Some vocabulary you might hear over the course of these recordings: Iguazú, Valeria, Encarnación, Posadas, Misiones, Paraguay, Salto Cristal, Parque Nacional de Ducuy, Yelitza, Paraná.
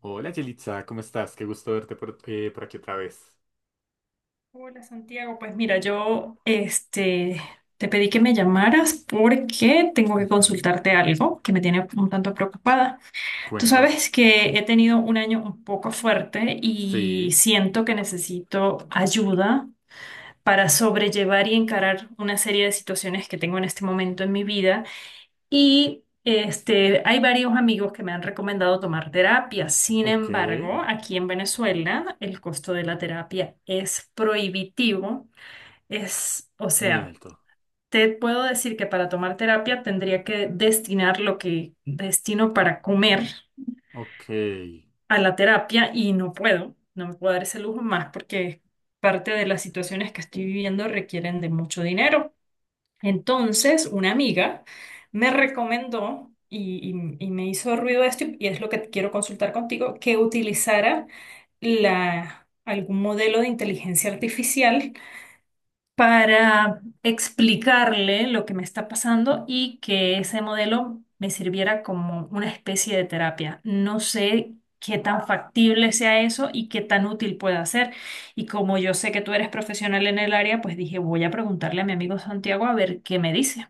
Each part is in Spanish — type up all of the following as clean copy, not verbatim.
Hola Yelitza, ¿cómo estás? Qué gusto verte por aquí otra vez. Hola Santiago, pues mira, te pedí que me llamaras porque tengo que Ujú. consultarte algo que me tiene un tanto preocupada. Tú Cuéntame. sabes que he tenido un año un poco fuerte y Sí, siento que necesito ayuda para sobrellevar y encarar una serie de situaciones que tengo en este momento en mi vida. Hay varios amigos que me han recomendado tomar terapia. Sin ok, embargo, aquí en Venezuela el costo de la terapia es prohibitivo. Es, o muy sea, alto. te puedo decir que para tomar terapia tendría que destinar lo que destino para comer Ok. a la terapia y no puedo, no me puedo dar ese lujo más porque parte de las situaciones que estoy viviendo requieren de mucho dinero. Entonces, una amiga me recomendó y me hizo ruido esto y es lo que quiero consultar contigo, que utilizara algún modelo de inteligencia artificial para explicarle lo que me está pasando y que ese modelo me sirviera como una especie de terapia. No sé qué tan factible sea eso y qué tan útil pueda ser. Y como yo sé que tú eres profesional en el área, pues dije, voy a preguntarle a mi amigo Santiago a ver qué me dice.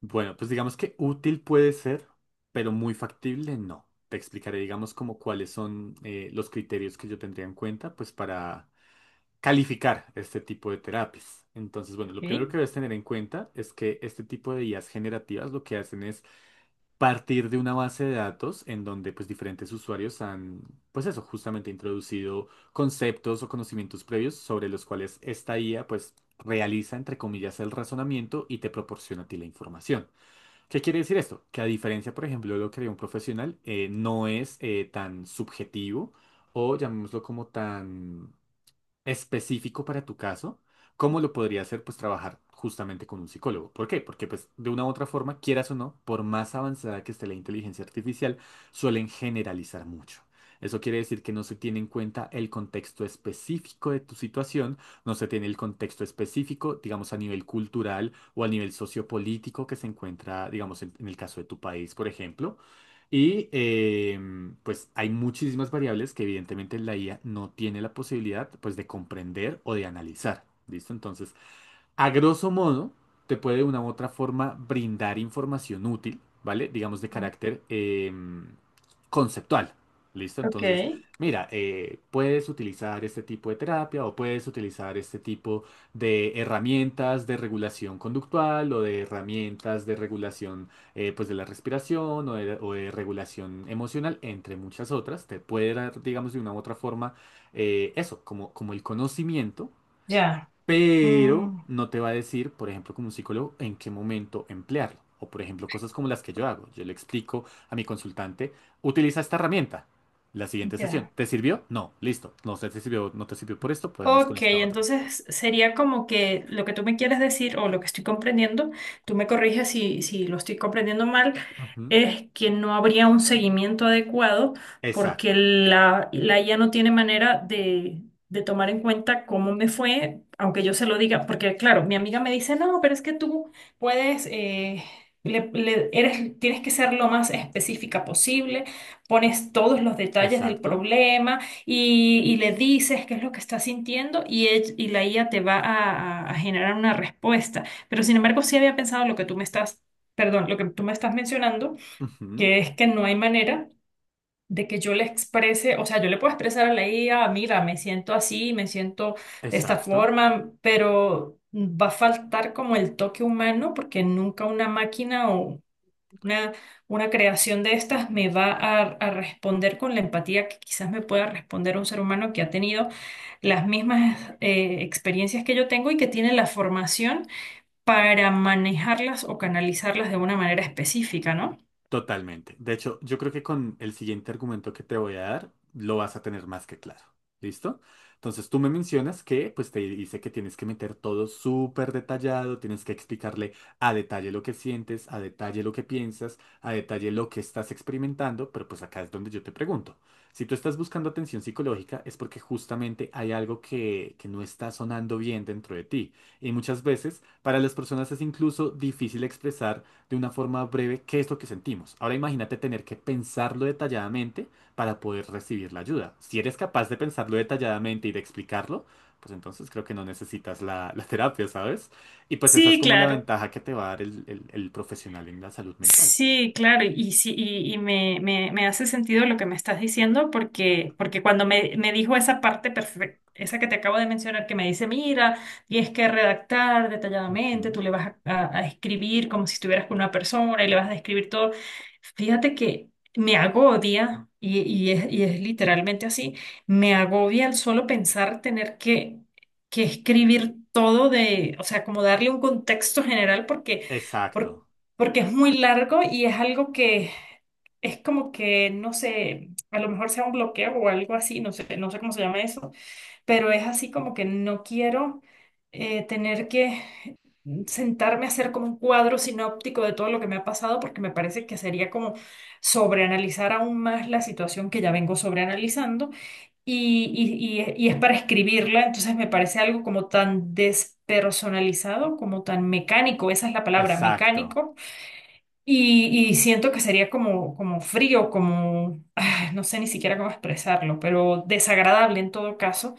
Bueno, pues digamos que útil puede ser, pero muy factible no. Te explicaré, digamos, como cuáles son los criterios que yo tendría en cuenta, pues para calificar este tipo de terapias. Entonces, bueno, lo primero Ok, que debes tener en cuenta es que este tipo de IAs generativas lo que hacen es partir de una base de datos en donde pues diferentes usuarios han, pues eso, justamente introducido conceptos o conocimientos previos sobre los cuales esta IA pues realiza entre comillas el razonamiento y te proporciona a ti la información. ¿Qué quiere decir esto? Que a diferencia, por ejemplo, de lo que haría un profesional, no es tan subjetivo o llamémoslo como tan específico para tu caso, ¿cómo lo podría hacer? Pues trabajar justamente con un psicólogo. ¿Por qué? Porque pues de una u otra forma, quieras o no, por más avanzada que esté la inteligencia artificial, suelen generalizar mucho. Eso quiere decir que no se tiene en cuenta el contexto específico de tu situación, no se tiene el contexto específico, digamos, a nivel cultural o a nivel sociopolítico que se encuentra, digamos, en el caso de tu país, por ejemplo, y pues hay muchísimas variables que evidentemente la IA no tiene la posibilidad pues de comprender o de analizar. ¿Listo? Entonces, a grosso modo, te puede de una u otra forma brindar información útil, ¿vale? Digamos de carácter conceptual. ¿Listo? ok, Entonces, mira, puedes utilizar este tipo de terapia o puedes utilizar este tipo de herramientas de regulación conductual o de herramientas de regulación pues de la respiración o de regulación emocional, entre muchas otras. Te puede dar, digamos, de una u otra forma eso, como, como el conocimiento, ya. pero Mm, no te va a decir, por ejemplo, como un psicólogo, en qué momento emplearlo. O, por ejemplo, cosas como las que yo hago. Yo le explico a mi consultante, utiliza esta herramienta. La siguiente sesión, ya. ¿te sirvió? No, listo. No sé si te sirvió, no te sirvió por esto, podemos con Ok, esta otra. entonces sería como que lo que tú me quieres decir o lo que estoy comprendiendo, tú me corriges si, si lo estoy comprendiendo mal, Ujú. es que no habría un seguimiento adecuado porque Exacto, la IA no tiene manera de tomar en cuenta cómo me fue, aunque yo se lo diga, porque claro, mi amiga me dice, no, pero es que tú puedes, eres, tienes que ser lo más específica posible, pones todos los detalles del exacto, problema y le dices qué es lo que estás sintiendo y la IA te va a generar una respuesta. Pero sin embargo, sí había pensado lo que tú me lo que tú me estás mencionando, ujú, que es que no hay manera de que yo le exprese, o sea, yo le puedo expresar a la IA, mira, me siento así, me siento de esta exacto. forma, pero va a faltar como el toque humano porque nunca una máquina o una, una creación de estas me va a responder con la empatía que quizás me pueda responder un ser humano que ha tenido las mismas experiencias que yo tengo y que tiene la formación para manejarlas o canalizarlas de una manera específica, ¿no? Totalmente. De hecho, yo creo que con el siguiente argumento que te voy a dar, lo vas a tener más que claro. ¿Listo? Entonces tú me mencionas que pues te dice que tienes que meter todo súper detallado, tienes que explicarle a detalle lo que sientes, a detalle lo que piensas, a detalle lo que estás experimentando, pero pues acá es donde yo te pregunto. Si tú estás buscando atención psicológica es porque justamente hay algo que no está sonando bien dentro de ti. Y muchas veces para las personas es incluso difícil expresar de una forma breve qué es lo que sentimos. Ahora imagínate tener que pensarlo detalladamente para poder recibir la ayuda. Si eres capaz de pensarlo detalladamente y de explicarlo, pues entonces creo que no necesitas la terapia, ¿sabes? Y pues esa es Sí, como la claro. ventaja que te va a dar el profesional en la salud mental. Sí, claro, y me hace sentido lo que me estás diciendo, porque, porque cuando me dijo esa parte perfecta, esa que te acabo de mencionar, que me dice, mira, tienes que redactar detalladamente, Ujú. tú le vas a, a escribir como si estuvieras con una persona y le vas a describir todo. Fíjate que me agobia, y es literalmente así, me agobia el solo pensar tener que escribir todo de, o sea, como darle un contexto general, porque Exacto, porque es muy largo y es algo que es como que, no sé, a lo mejor sea un bloqueo o algo así, no sé, no sé cómo se llama eso, pero es así como que no quiero tener que sentarme a hacer como un cuadro sinóptico de todo lo que me ha pasado, porque me parece que sería como sobreanalizar aún más la situación que ya vengo sobreanalizando y es para escribirla, entonces me parece algo como tan despersonalizado, como tan mecánico, esa es la palabra, exacto. mecánico y siento que sería como, como frío, como, ah, no sé ni siquiera cómo expresarlo, pero desagradable en todo caso.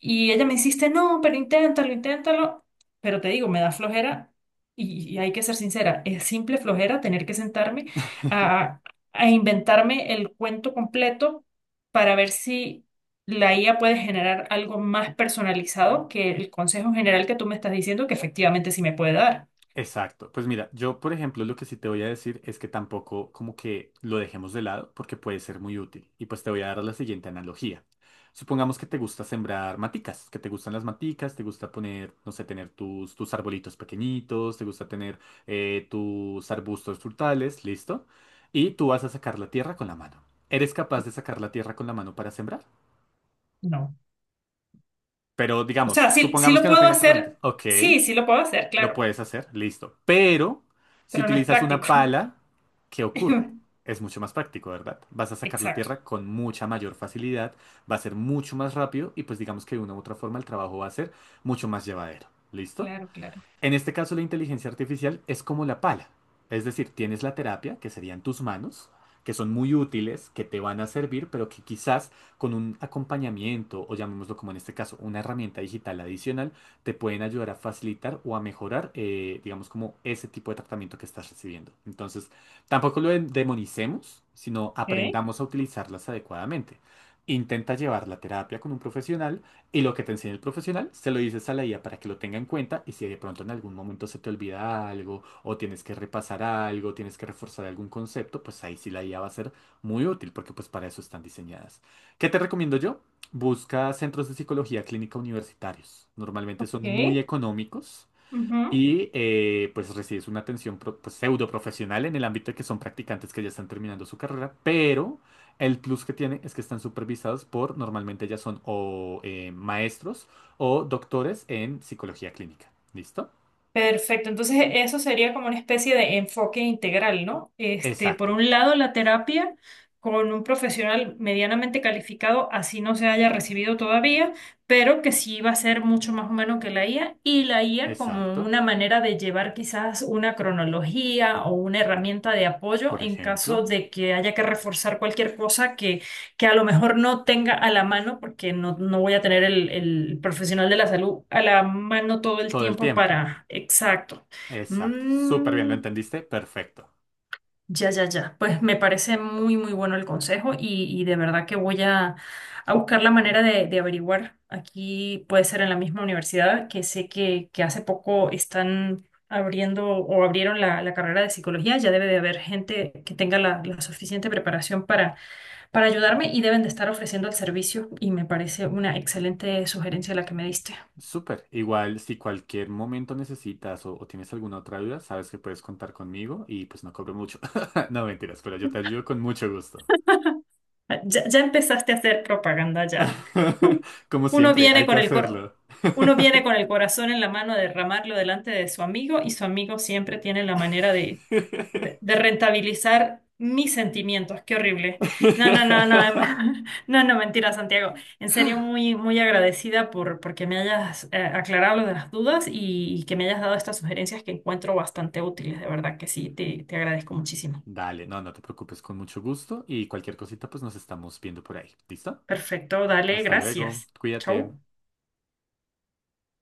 Y ella me insiste, no, pero inténtalo, inténtalo. Pero te digo, me da flojera y hay que ser sincera, es simple flojera tener que sentarme a, a inventarme el cuento completo para ver si la IA puede generar algo más personalizado que el consejo general que tú me estás diciendo que efectivamente sí me puede dar. Exacto. Pues mira, yo por ejemplo lo que sí te voy a decir es que tampoco como que lo dejemos de lado porque puede ser muy útil. Y pues te voy a dar la siguiente analogía. Supongamos que te gusta sembrar maticas, que te gustan las maticas, te gusta poner, no sé, tener tus arbolitos pequeñitos, te gusta tener tus arbustos frutales, listo. Y tú vas a sacar la tierra con la mano. ¿Eres capaz de sacar la tierra con la mano para sembrar? No. Pero O digamos, sea, sí, sí supongamos lo que no puedo tienes herramientas. hacer, Ok. sí, sí lo puedo hacer, Lo claro, puedes hacer, listo. Pero si pero no es utilizas una práctico. pala, ¿qué ocurre? Es mucho más práctico, ¿verdad? Vas a sacar la Exacto, tierra con mucha mayor facilidad, va a ser mucho más rápido y pues digamos que de una u otra forma el trabajo va a ser mucho más llevadero. ¿Listo? claro, claro. En este caso, la inteligencia artificial es como la pala. Es decir, tienes la terapia, que serían tus manos, que son muy útiles, que te van a servir, pero que quizás con un acompañamiento, o llamémoslo como en este caso, una herramienta digital adicional, te pueden ayudar a facilitar o a mejorar, digamos, como ese tipo de tratamiento que estás recibiendo. Entonces, tampoco lo demonicemos, sino Ok, aprendamos a utilizarlas adecuadamente. Intenta llevar la terapia con un profesional y lo que te enseña el profesional, se lo dices a la IA para que lo tenga en cuenta y si de pronto en algún momento se te olvida algo o tienes que repasar algo, tienes que reforzar algún concepto, pues ahí sí la IA va a ser muy útil porque pues para eso están diseñadas. ¿Qué te recomiendo yo? Busca centros de psicología clínica universitarios. Normalmente son ok. muy económicos Ujú. y pues recibes una atención pues, pseudo profesional en el ámbito de que son practicantes que ya están terminando su carrera, pero el plus que tiene es que están supervisados por, normalmente ya son o maestros o doctores en psicología clínica. ¿Listo? Perfecto, entonces eso sería como una especie de enfoque integral, ¿no? Este, por Exacto, un lado, la terapia con un profesional medianamente calificado, así no se haya recibido todavía, pero que sí va a ser mucho más humano que la IA, y la IA como exacto. una manera de llevar quizás una cronología o una herramienta de apoyo Por en caso ejemplo, de que haya que reforzar cualquier cosa que a lo mejor no tenga a la mano, porque no, no voy a tener el profesional de la salud a la mano todo el todo el tiempo tiempo. para... Exacto. Exacto. Súper bien, ¿lo Mm, entendiste? Perfecto. ya, ya, ya. Pues me parece muy, muy bueno el consejo y de verdad que voy a buscar la manera de averiguar. Aquí puede ser en la misma universidad, que sé que hace poco están abriendo o abrieron la carrera de psicología. Ya debe de haber gente que tenga la suficiente preparación para ayudarme y deben de estar ofreciendo el servicio y me parece una excelente sugerencia la que me diste. Súper. Igual, si cualquier momento necesitas o tienes alguna otra duda, sabes que puedes contar conmigo y pues no cobro mucho. No mentiras, pero yo te ayudo con mucho gusto. Ah, ya, ya empezaste a hacer propaganda ya. Como Uno siempre, viene hay que con el coro, hacerlo. uno viene con el corazón en la mano a derramarlo delante de su amigo y su amigo siempre tiene la manera de rentabilizar mis sentimientos. Qué horrible. No, no, mentira, Santiago. En serio, muy, muy agradecida por porque me hayas aclarado lo de las dudas y que me hayas dado estas sugerencias que encuentro bastante útiles. De verdad que sí, te agradezco muchísimo. Dale, no te preocupes, con mucho gusto y cualquier cosita pues nos estamos viendo por ahí. ¿Listo? Perfecto, dale, Hasta luego, gracias. cuídate. Chau.